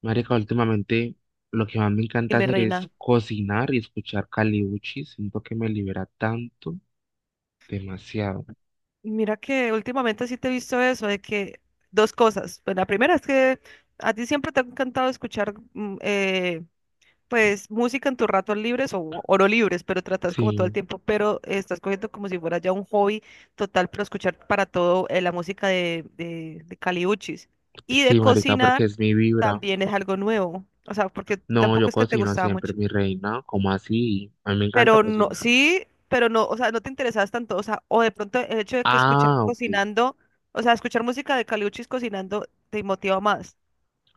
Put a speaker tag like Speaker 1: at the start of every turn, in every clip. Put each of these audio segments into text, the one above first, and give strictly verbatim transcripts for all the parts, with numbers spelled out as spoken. Speaker 1: Marica, últimamente lo que más me
Speaker 2: Y
Speaker 1: encanta
Speaker 2: mi
Speaker 1: hacer es
Speaker 2: reina,
Speaker 1: cocinar y escuchar Caliuchi. Siento que me libera tanto, demasiado.
Speaker 2: mira que últimamente sí te he visto eso, de que dos cosas. Pues la primera es que a ti siempre te ha encantado escuchar mm, eh, pues música en tus ratos libres o, o no libres, pero tratas como todo el
Speaker 1: Sí,
Speaker 2: tiempo, pero estás cogiendo como si fuera ya un hobby total, pero escuchar para todo eh, la música de, de, de Caliuchis. Y de
Speaker 1: sí, marica, porque
Speaker 2: cocinar
Speaker 1: es mi vibra.
Speaker 2: también es algo nuevo, o sea, porque
Speaker 1: No,
Speaker 2: tampoco
Speaker 1: yo
Speaker 2: es que te
Speaker 1: cocino
Speaker 2: gustaba
Speaker 1: siempre,
Speaker 2: mucho.
Speaker 1: mi reina. ¿Cómo así? A mí me encanta
Speaker 2: Pero no,
Speaker 1: cocinar.
Speaker 2: sí, pero no, o sea, no te interesabas tanto, o sea, o de pronto el hecho de que escuchar
Speaker 1: Ah, ok.
Speaker 2: cocinando, o sea, escuchar música de Caliuchis cocinando te motiva más.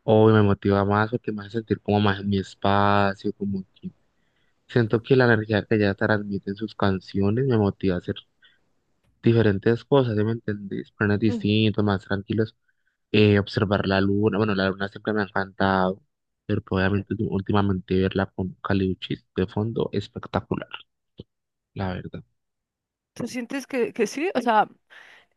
Speaker 1: Hoy me motiva más porque me hace sentir como más en mi espacio, como que siento que la energía que ella transmite en sus canciones me motiva a hacer diferentes cosas, ¿sí me entendés? Planes
Speaker 2: Ujú.
Speaker 1: distintos, más tranquilos. Eh, observar la luna. Bueno, la luna siempre me ha encantado, pero obviamente tú- últimamente verla con Caliuchis de fondo, espectacular, la verdad.
Speaker 2: ¿Tú sientes que, que sí? O sea,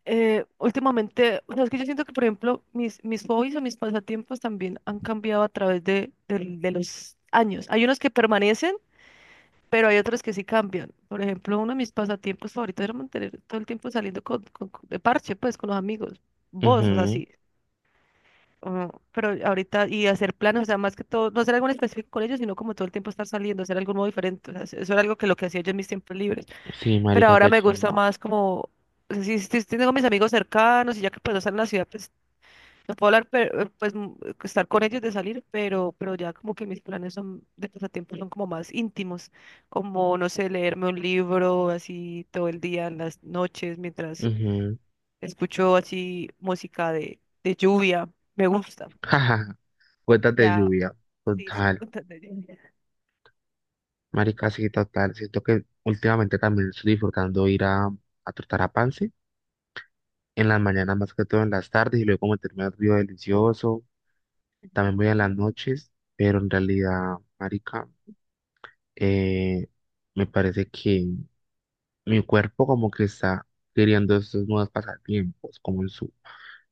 Speaker 2: eh, últimamente, o sea, es que yo siento que, por ejemplo, mis, mis hobbies o mis pasatiempos también han cambiado a través de, del- de los años. Hay unos que permanecen, pero hay otros que sí cambian. Por ejemplo, uno de mis pasatiempos favoritos era mantener todo el tiempo saliendo con, con- con- de parche, pues, con los amigos. Vos, o sea,
Speaker 1: Ujú.
Speaker 2: sí. Ah, pero ahorita, y hacer planes, o sea, más que todo, no hacer algo en específico con ellos, sino como todo el tiempo estar saliendo, hacer algo nuevo diferente. O sea, eso era algo que lo que hacía yo en mis tiempos libres.
Speaker 1: Sí,
Speaker 2: Pero
Speaker 1: marica,
Speaker 2: ahora
Speaker 1: qué
Speaker 2: me gusta
Speaker 1: chimba.
Speaker 2: más como, o sea, si, si tengo mis amigos cercanos y ya que puedo estar en la ciudad, pues no puedo hablar, pero, eh, pues mm, estar con ellos de salir, pero, pero ya como que mis planes son de pasatiempos son como más íntimos, como, no sé, leerme un libro así todo el día, en las noches, mientras
Speaker 1: Ujú.
Speaker 2: escucho así música de, de lluvia, me gusta.
Speaker 1: Jaja, cuentas de
Speaker 2: Ya.
Speaker 1: lluvia,
Speaker 2: Sí, sí,
Speaker 1: total.
Speaker 2: totalmente.
Speaker 1: Marica, sí, total. Siento que últimamente también estoy disfrutando ir a, a trotar a Pance, en las mañanas más que todo en las tardes, y luego meterme al río delicioso. También voy en las noches, pero en realidad, marica, eh, me parece que mi cuerpo como que está queriendo estos nuevos pasatiempos, como en su,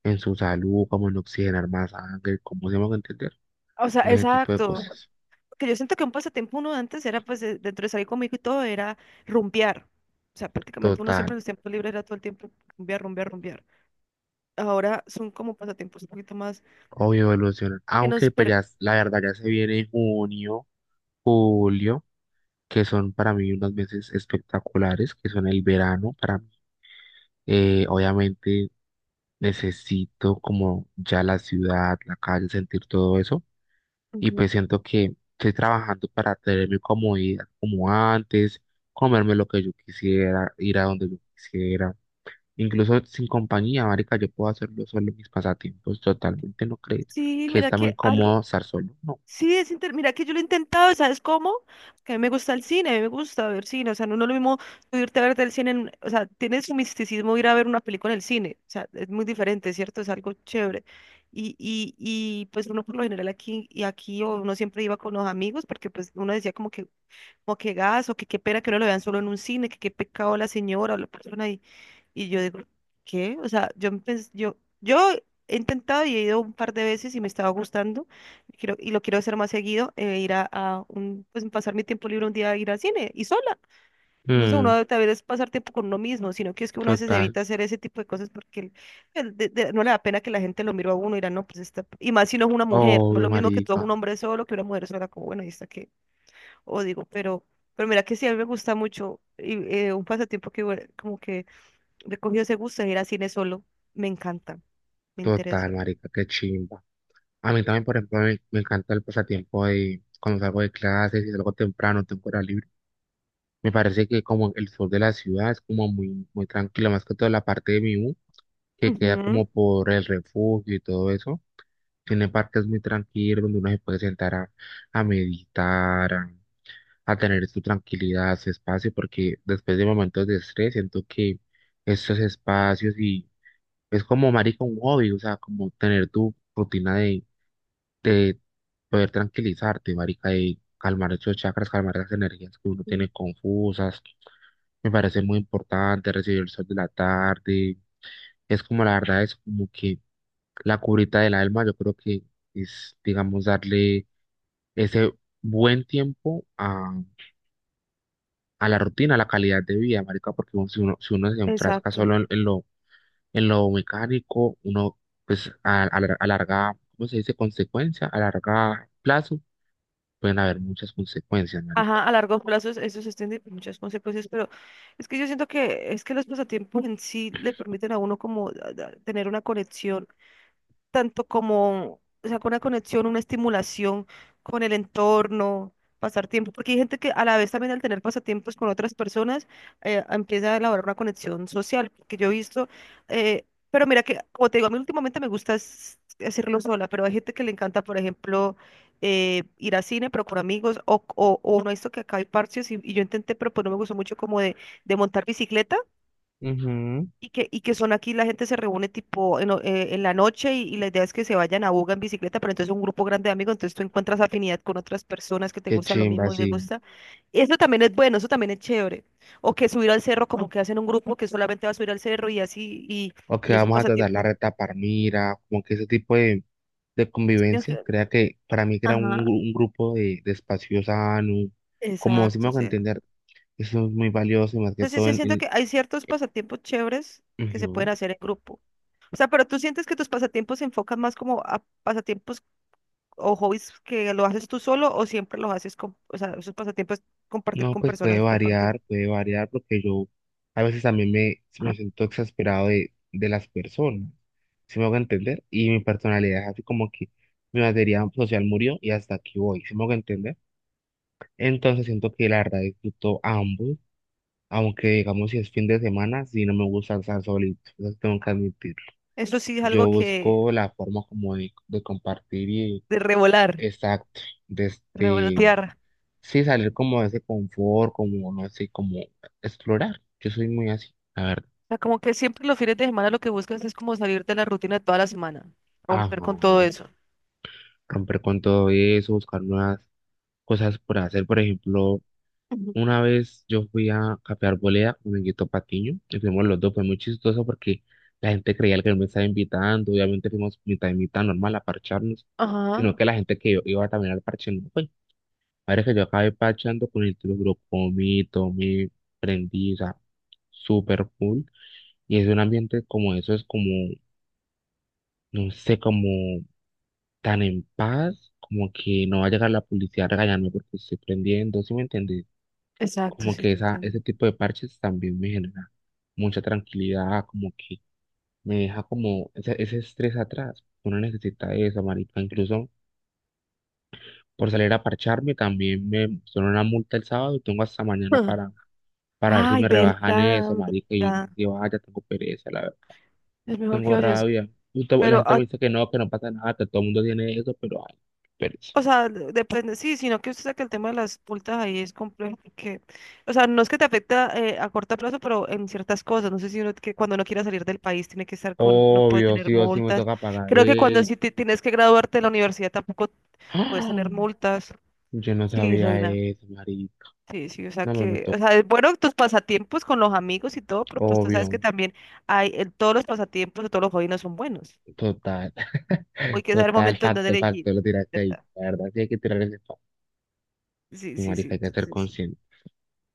Speaker 1: en su salud, como en oxigenar más sangre, como se van entender,
Speaker 2: O sea,
Speaker 1: en ese tipo de
Speaker 2: exacto.
Speaker 1: cosas.
Speaker 2: Que yo siento que un pasatiempo uno antes era, pues, de- dentro de salir conmigo y todo, era rumbear. O sea, prácticamente uno
Speaker 1: Total,
Speaker 2: siempre en los tiempos libres era todo el tiempo rumbear, rumbear, rumbear. Ahora son como pasatiempos un poquito más
Speaker 1: obvio evolucionar.
Speaker 2: que
Speaker 1: Aunque
Speaker 2: nos...
Speaker 1: pues
Speaker 2: per-
Speaker 1: ya, s- la verdad ya se viene junio, julio, que son para mí unos meses espectaculares, que son el verano para mí. Eh, obviamente necesito como ya la ciudad, la calle, sentir todo eso. Y
Speaker 2: Ujú.
Speaker 1: pues siento que estoy trabajando para tener mi comodidad como antes, comerme lo que yo quisiera, ir a donde yo quisiera, incluso sin compañía, marica, yo puedo hacerlo solo en mis pasatiempos, totalmente, ¿no crees?
Speaker 2: Sí,
Speaker 1: Que es
Speaker 2: mira
Speaker 1: también
Speaker 2: que algo.
Speaker 1: cómodo estar solo, ¿no?
Speaker 2: Sí, es inter- mira que yo lo he intentado, ¿sabes cómo? Que a mí me gusta el cine, a mí me gusta ver cine, o sea, no, no es lo mismo tú irte a ver del cine, en- o sea, tiene su misticismo ir a ver una película en el cine, o sea, es muy diferente, ¿cierto? Es algo chévere. Y, y, y pues uno por lo general aquí y aquí o uno siempre iba con los amigos porque pues uno decía como que, como que, gas o que qué pena que no lo vean solo en un cine, que qué pecado la señora o la persona y yo digo, ¿qué? O sea, yo, empe- yo, yo he intentado y he ido un par de veces y me estaba gustando. Quiero, y lo quiero hacer más seguido, eh, ir a, a un, pues pasar mi tiempo libre un día a ir al cine y sola. No sé,
Speaker 1: Mm,
Speaker 2: uno también es pasar tiempo con uno mismo, sino que es que uno a veces
Speaker 1: total,
Speaker 2: evita hacer ese tipo de cosas porque el- el de- de- no le da pena que la gente lo mire a uno y dirá, no, pues está, y más si no es una mujer, no es
Speaker 1: obvio,
Speaker 2: lo mismo que todo un
Speaker 1: marica,
Speaker 2: hombre solo, que una mujer sola, como bueno, y está que, o digo, pero, pero mira que sí, a mí me gusta mucho y, eh, un pasatiempo que bueno, como que le cogió ese gusto de ir a cine solo. Me encanta, me interesa.
Speaker 1: total, marica, qué chimba. A mí también, por ejemplo, me, me encanta el pasatiempo de cuando salgo de clases y salgo temprano, tengo hora libre. Me parece que como el sur de la ciudad es como muy, muy tranquilo, más que toda la parte de mi U, que queda como
Speaker 2: Ujú,
Speaker 1: por el refugio y todo eso. Tiene parques muy tranquilos donde uno se puede sentar a, a meditar, a, a tener su tranquilidad, su espacio, porque después de momentos de estrés siento que estos espacios y es como marica un hobby, o sea, como tener tu rutina de de poder tranquilizarte, marica, y calmar esos chakras, calmar las energías que uno
Speaker 2: sí,
Speaker 1: tiene confusas. Me parece muy importante recibir el sol de la tarde. Es como la verdad, es como que la curita del alma, yo creo que es, digamos, darle ese buen tiempo a, a la rutina, a la calidad de vida, marica, porque uno- si uno, si uno se enfrasca
Speaker 2: exacto.
Speaker 1: solo en, en lo, en lo mecánico, uno pues a, a, lar- a larga, ¿cómo se dice? Consecuencia, a larga plazo pueden haber muchas consecuencias, marico.
Speaker 2: Ajá, a largo plazo es- eso se extiende por muchas consecuencias, pero es que yo siento que es que los pasatiempos en sí le permiten a uno como a- a tener una conexión tanto como, o sea, con una conexión, una estimulación con el entorno, pasar tiempo, porque hay gente que a la vez también al tener pasatiempos con otras personas, eh, empieza a elaborar una conexión social, que yo he visto, eh, pero mira que, como te digo, a mí últimamente me gusta es- hacerlo sola, pero hay gente que le encanta, por ejemplo, eh, ir a cine, pero con amigos, o, o, o no, esto que acá hay parches, y, y yo intenté, pero pues no me gustó mucho como de, de montar bicicleta,
Speaker 1: Ujú.
Speaker 2: y que, y que son aquí, la gente se reúne tipo en, o- eh, en la noche y, y la idea es que se vayan a Buga en bicicleta, pero entonces es un grupo grande de amigos, entonces tú encuentras afinidad con otras personas que te
Speaker 1: Qué
Speaker 2: gustan lo
Speaker 1: chimba,
Speaker 2: mismo y
Speaker 1: sí.
Speaker 2: les gusta. Eso también es bueno, eso también es chévere. O que subir al cerro, como que hacen un grupo que solamente va a subir al cerro y así, y,
Speaker 1: O que
Speaker 2: y es un
Speaker 1: vamos a tratar la
Speaker 2: pasatiempo.
Speaker 1: reta Parmira, como que ese tipo de, de
Speaker 2: chido
Speaker 1: convivencia,
Speaker 2: que-
Speaker 1: crea que para mí crea un,
Speaker 2: Ajá,
Speaker 1: gru- un grupo de, de espacio sano, como si me
Speaker 2: exacto. O
Speaker 1: hago
Speaker 2: sea,
Speaker 1: entender, eso es muy valioso y más que
Speaker 2: entonces
Speaker 1: todo
Speaker 2: sí
Speaker 1: en,
Speaker 2: siento
Speaker 1: en-
Speaker 2: que hay ciertos pasatiempos chéveres que se
Speaker 1: ujú.
Speaker 2: pueden hacer en grupo. O sea, pero tú sientes que tus pasatiempos se enfocan más como a pasatiempos o hobbies que lo haces tú solo o siempre los haces con, o sea, esos pasatiempos compartir
Speaker 1: No,
Speaker 2: con
Speaker 1: pues puede
Speaker 2: personas, compartir.
Speaker 1: variar, puede variar, porque yo a veces también me, me siento exasperado de, de las personas, si me hago entender, y mi personalidad es así como que mi batería social murió y hasta aquí voy, si me hago entender. Entonces siento que la verdad disfruto ambos, aunque digamos si es fin de semana, si no me gusta estar solito, eso sí tengo que admitir.
Speaker 2: Eso sí es algo
Speaker 1: Yo
Speaker 2: que
Speaker 1: busco la forma como de, de compartir y
Speaker 2: de revolar,
Speaker 1: exacto, desde
Speaker 2: revolotear.
Speaker 1: sí, salir como de ese confort, como, no sé, como explorar. Yo soy muy así, la verdad.
Speaker 2: O sea, como que siempre los fines de semana lo que buscas es como salir de la rutina de toda la semana,
Speaker 1: Ajá,
Speaker 2: romper con todo eso.
Speaker 1: romper con todo eso, buscar nuevas cosas por hacer. Por ejemplo,
Speaker 2: Ujú.
Speaker 1: una vez yo fui a Café Arboleda con Guito Patiño, y fuimos los dos, fue muy chistoso porque la gente creía que él me estaba invitando, obviamente fuimos mitad y mitad normal a parcharnos,
Speaker 2: Ajá,
Speaker 1: sino que la gente que yo iba también al parche no fue. Ahora que yo acabé parchando con el grupo, comí, tomé, prendí, o sea, súper full. Y es un ambiente como eso, es como, no sé, como tan en paz, como que no va a llegar la policía a regañarme porque estoy prendiendo, ¿sí me entiendes?
Speaker 2: exacto,
Speaker 1: Como
Speaker 2: sí,
Speaker 1: que
Speaker 2: te
Speaker 1: esa,
Speaker 2: entiendo.
Speaker 1: ese tipo de parches también me genera mucha tranquilidad, como que me deja como ese, ese estrés atrás. Uno necesita eso, marica. Incluso por salir a parcharme también me pusieron una multa el sábado y tengo hasta mañana para, para ver si
Speaker 2: Ay,
Speaker 1: me rebajan
Speaker 2: verdad,
Speaker 1: eso, marica. Y yo no
Speaker 2: amiga.
Speaker 1: sé si vaya, tengo pereza, la
Speaker 2: Es mejor que
Speaker 1: tengo
Speaker 2: oyes.
Speaker 1: rabia. Justo la
Speaker 2: Pero,
Speaker 1: gente
Speaker 2: ah,
Speaker 1: me dice que no, que no pasa nada, que todo el mundo tiene eso, pero ay, pereza.
Speaker 2: O sea, de- depende, sí, sino que usted saca el tema de las multas ahí es complejo porque, o sea, no es que te afecta eh, a corto plazo, pero en ciertas cosas, no sé si uno que cuando no quiera salir del país tiene que estar con, no puede
Speaker 1: Obvio,
Speaker 2: tener
Speaker 1: sí o sí me
Speaker 2: multas.
Speaker 1: toca pagar
Speaker 2: Creo que cuando
Speaker 1: eso.
Speaker 2: sí te- tienes que graduarte de la universidad tampoco puedes tener
Speaker 1: ¡Ah!
Speaker 2: multas.
Speaker 1: Yo no
Speaker 2: Sí,
Speaker 1: sabía
Speaker 2: reina.
Speaker 1: eso, marica.
Speaker 2: Sí, sí, o sea
Speaker 1: No, pero me
Speaker 2: que, o
Speaker 1: toca.
Speaker 2: sea, es bueno tus pasatiempos con los amigos y todo, pero pues tú sabes
Speaker 1: Obvio,
Speaker 2: que también hay, el- todos los pasatiempos de todos los jóvenes son buenos.
Speaker 1: total,
Speaker 2: Hoy que saber el
Speaker 1: total,
Speaker 2: momento en donde
Speaker 1: facto, facto,
Speaker 2: elegir,
Speaker 1: lo tiraste ahí.
Speaker 2: ¿verdad?
Speaker 1: La verdad, sí hay que tirar ese facto.
Speaker 2: Sí,
Speaker 1: Sí,
Speaker 2: sí, sí.
Speaker 1: marica, hay que ser
Speaker 2: Entonces,
Speaker 1: consciente.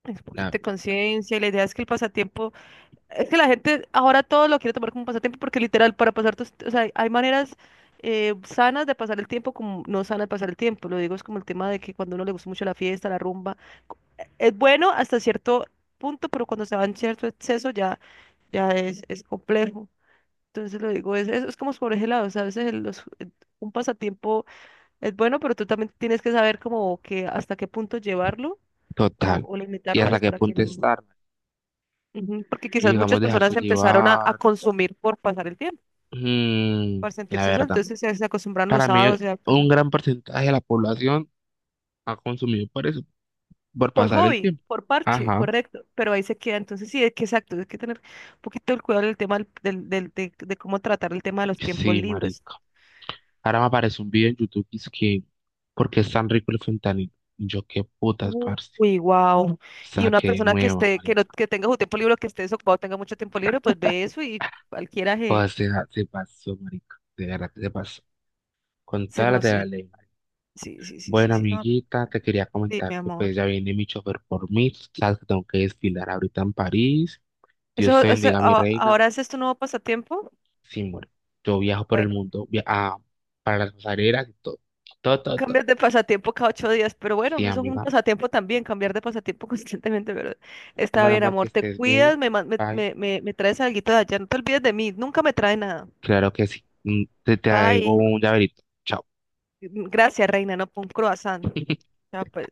Speaker 2: es un poquito
Speaker 1: La
Speaker 2: de
Speaker 1: verdad.
Speaker 2: conciencia y la idea es que el pasatiempo, es que la gente ahora todo lo quiere tomar como un pasatiempo porque literal para pasar tus, o sea, hay maneras eh, sanas de pasar el tiempo como no sanas de pasar el tiempo. Lo digo es como el tema de que cuando a uno le gusta mucho la fiesta, la rumba, co- es bueno hasta cierto punto, pero cuando se va en cierto exceso ya, ya es, es complejo. Entonces lo digo, es, es, es como por ese lado, o sea, a veces el- los- el- un pasatiempo es bueno, pero tú también tienes que saber como que hasta qué punto llevarlo o,
Speaker 1: Total.
Speaker 2: o
Speaker 1: ¿Y
Speaker 2: limitarlo
Speaker 1: hasta
Speaker 2: pues
Speaker 1: qué
Speaker 2: para que
Speaker 1: punto
Speaker 2: no.
Speaker 1: estar?
Speaker 2: Ujú. Porque
Speaker 1: Y
Speaker 2: quizás muchas
Speaker 1: digamos,
Speaker 2: personas
Speaker 1: dejarse
Speaker 2: empezaron a, a
Speaker 1: llevar.
Speaker 2: consumir por pasar el tiempo,
Speaker 1: Mm,
Speaker 2: para
Speaker 1: la
Speaker 2: sentirse sol,
Speaker 1: verdad.
Speaker 2: entonces se, se acostumbraron los
Speaker 1: Para mí,
Speaker 2: sábados, ya, pues,
Speaker 1: un gran porcentaje de la población ha consumido por eso. Por
Speaker 2: por
Speaker 1: pasar el
Speaker 2: hobby,
Speaker 1: tiempo.
Speaker 2: por parche,
Speaker 1: Ajá.
Speaker 2: correcto, pero ahí se queda, entonces sí, es que exacto, hay que tener un poquito el cuidado del tema del, del- del- de, de cómo tratar el tema de los tiempos
Speaker 1: Sí,
Speaker 2: libres.
Speaker 1: marica. Ahora me aparece un video en YouTube que es que, ¿por qué es tan rico el fentanilo? Y yo, qué putas, parce.
Speaker 2: Uy, wow. Y una
Speaker 1: Saqué de
Speaker 2: persona que
Speaker 1: nueva,
Speaker 2: esté, que no,
Speaker 1: marica.
Speaker 2: que tenga su tiempo libre, que esté desocupado, tenga mucho tiempo libre, pues ve eso y cualquiera se,
Speaker 1: Joder, se, se pasó, marica. De verdad que se pasó. Con
Speaker 2: se
Speaker 1: todas las de la
Speaker 2: emociona.
Speaker 1: ley, marica.
Speaker 2: Sí, sí, sí, sí,
Speaker 1: Bueno,
Speaker 2: sí, no,
Speaker 1: amiguita, te quería
Speaker 2: sí,
Speaker 1: comentar
Speaker 2: mi
Speaker 1: que
Speaker 2: amor.
Speaker 1: pues ya viene mi chofer por mí. Sabes que tengo que desfilar ahorita en París.
Speaker 2: Eso,
Speaker 1: Dios te
Speaker 2: o sea,
Speaker 1: bendiga, mi
Speaker 2: a-
Speaker 1: reina.
Speaker 2: ahora ese es tu nuevo pasatiempo.
Speaker 1: Sí, bueno, yo viajo por el
Speaker 2: Bueno.
Speaker 1: mundo, via- ah, para las pasarelas y todo. Todo, todo, todo.
Speaker 2: Cambias de pasatiempo cada ocho días, pero bueno,
Speaker 1: Sí,
Speaker 2: eso es un
Speaker 1: amiga.
Speaker 2: pasatiempo también, cambiar de pasatiempo constantemente, pero está
Speaker 1: Bueno,
Speaker 2: bien,
Speaker 1: amor, que
Speaker 2: amor, te
Speaker 1: estés bien.
Speaker 2: cuidas, me, man- me,
Speaker 1: Bye.
Speaker 2: me, me, me traes algo de allá, no te olvides de mí, nunca me trae nada.
Speaker 1: Claro que sí. Mm, te traigo
Speaker 2: Bye.
Speaker 1: un llaverito. Chao.
Speaker 2: Gracias, reina, no, por un croissant. Ya pues.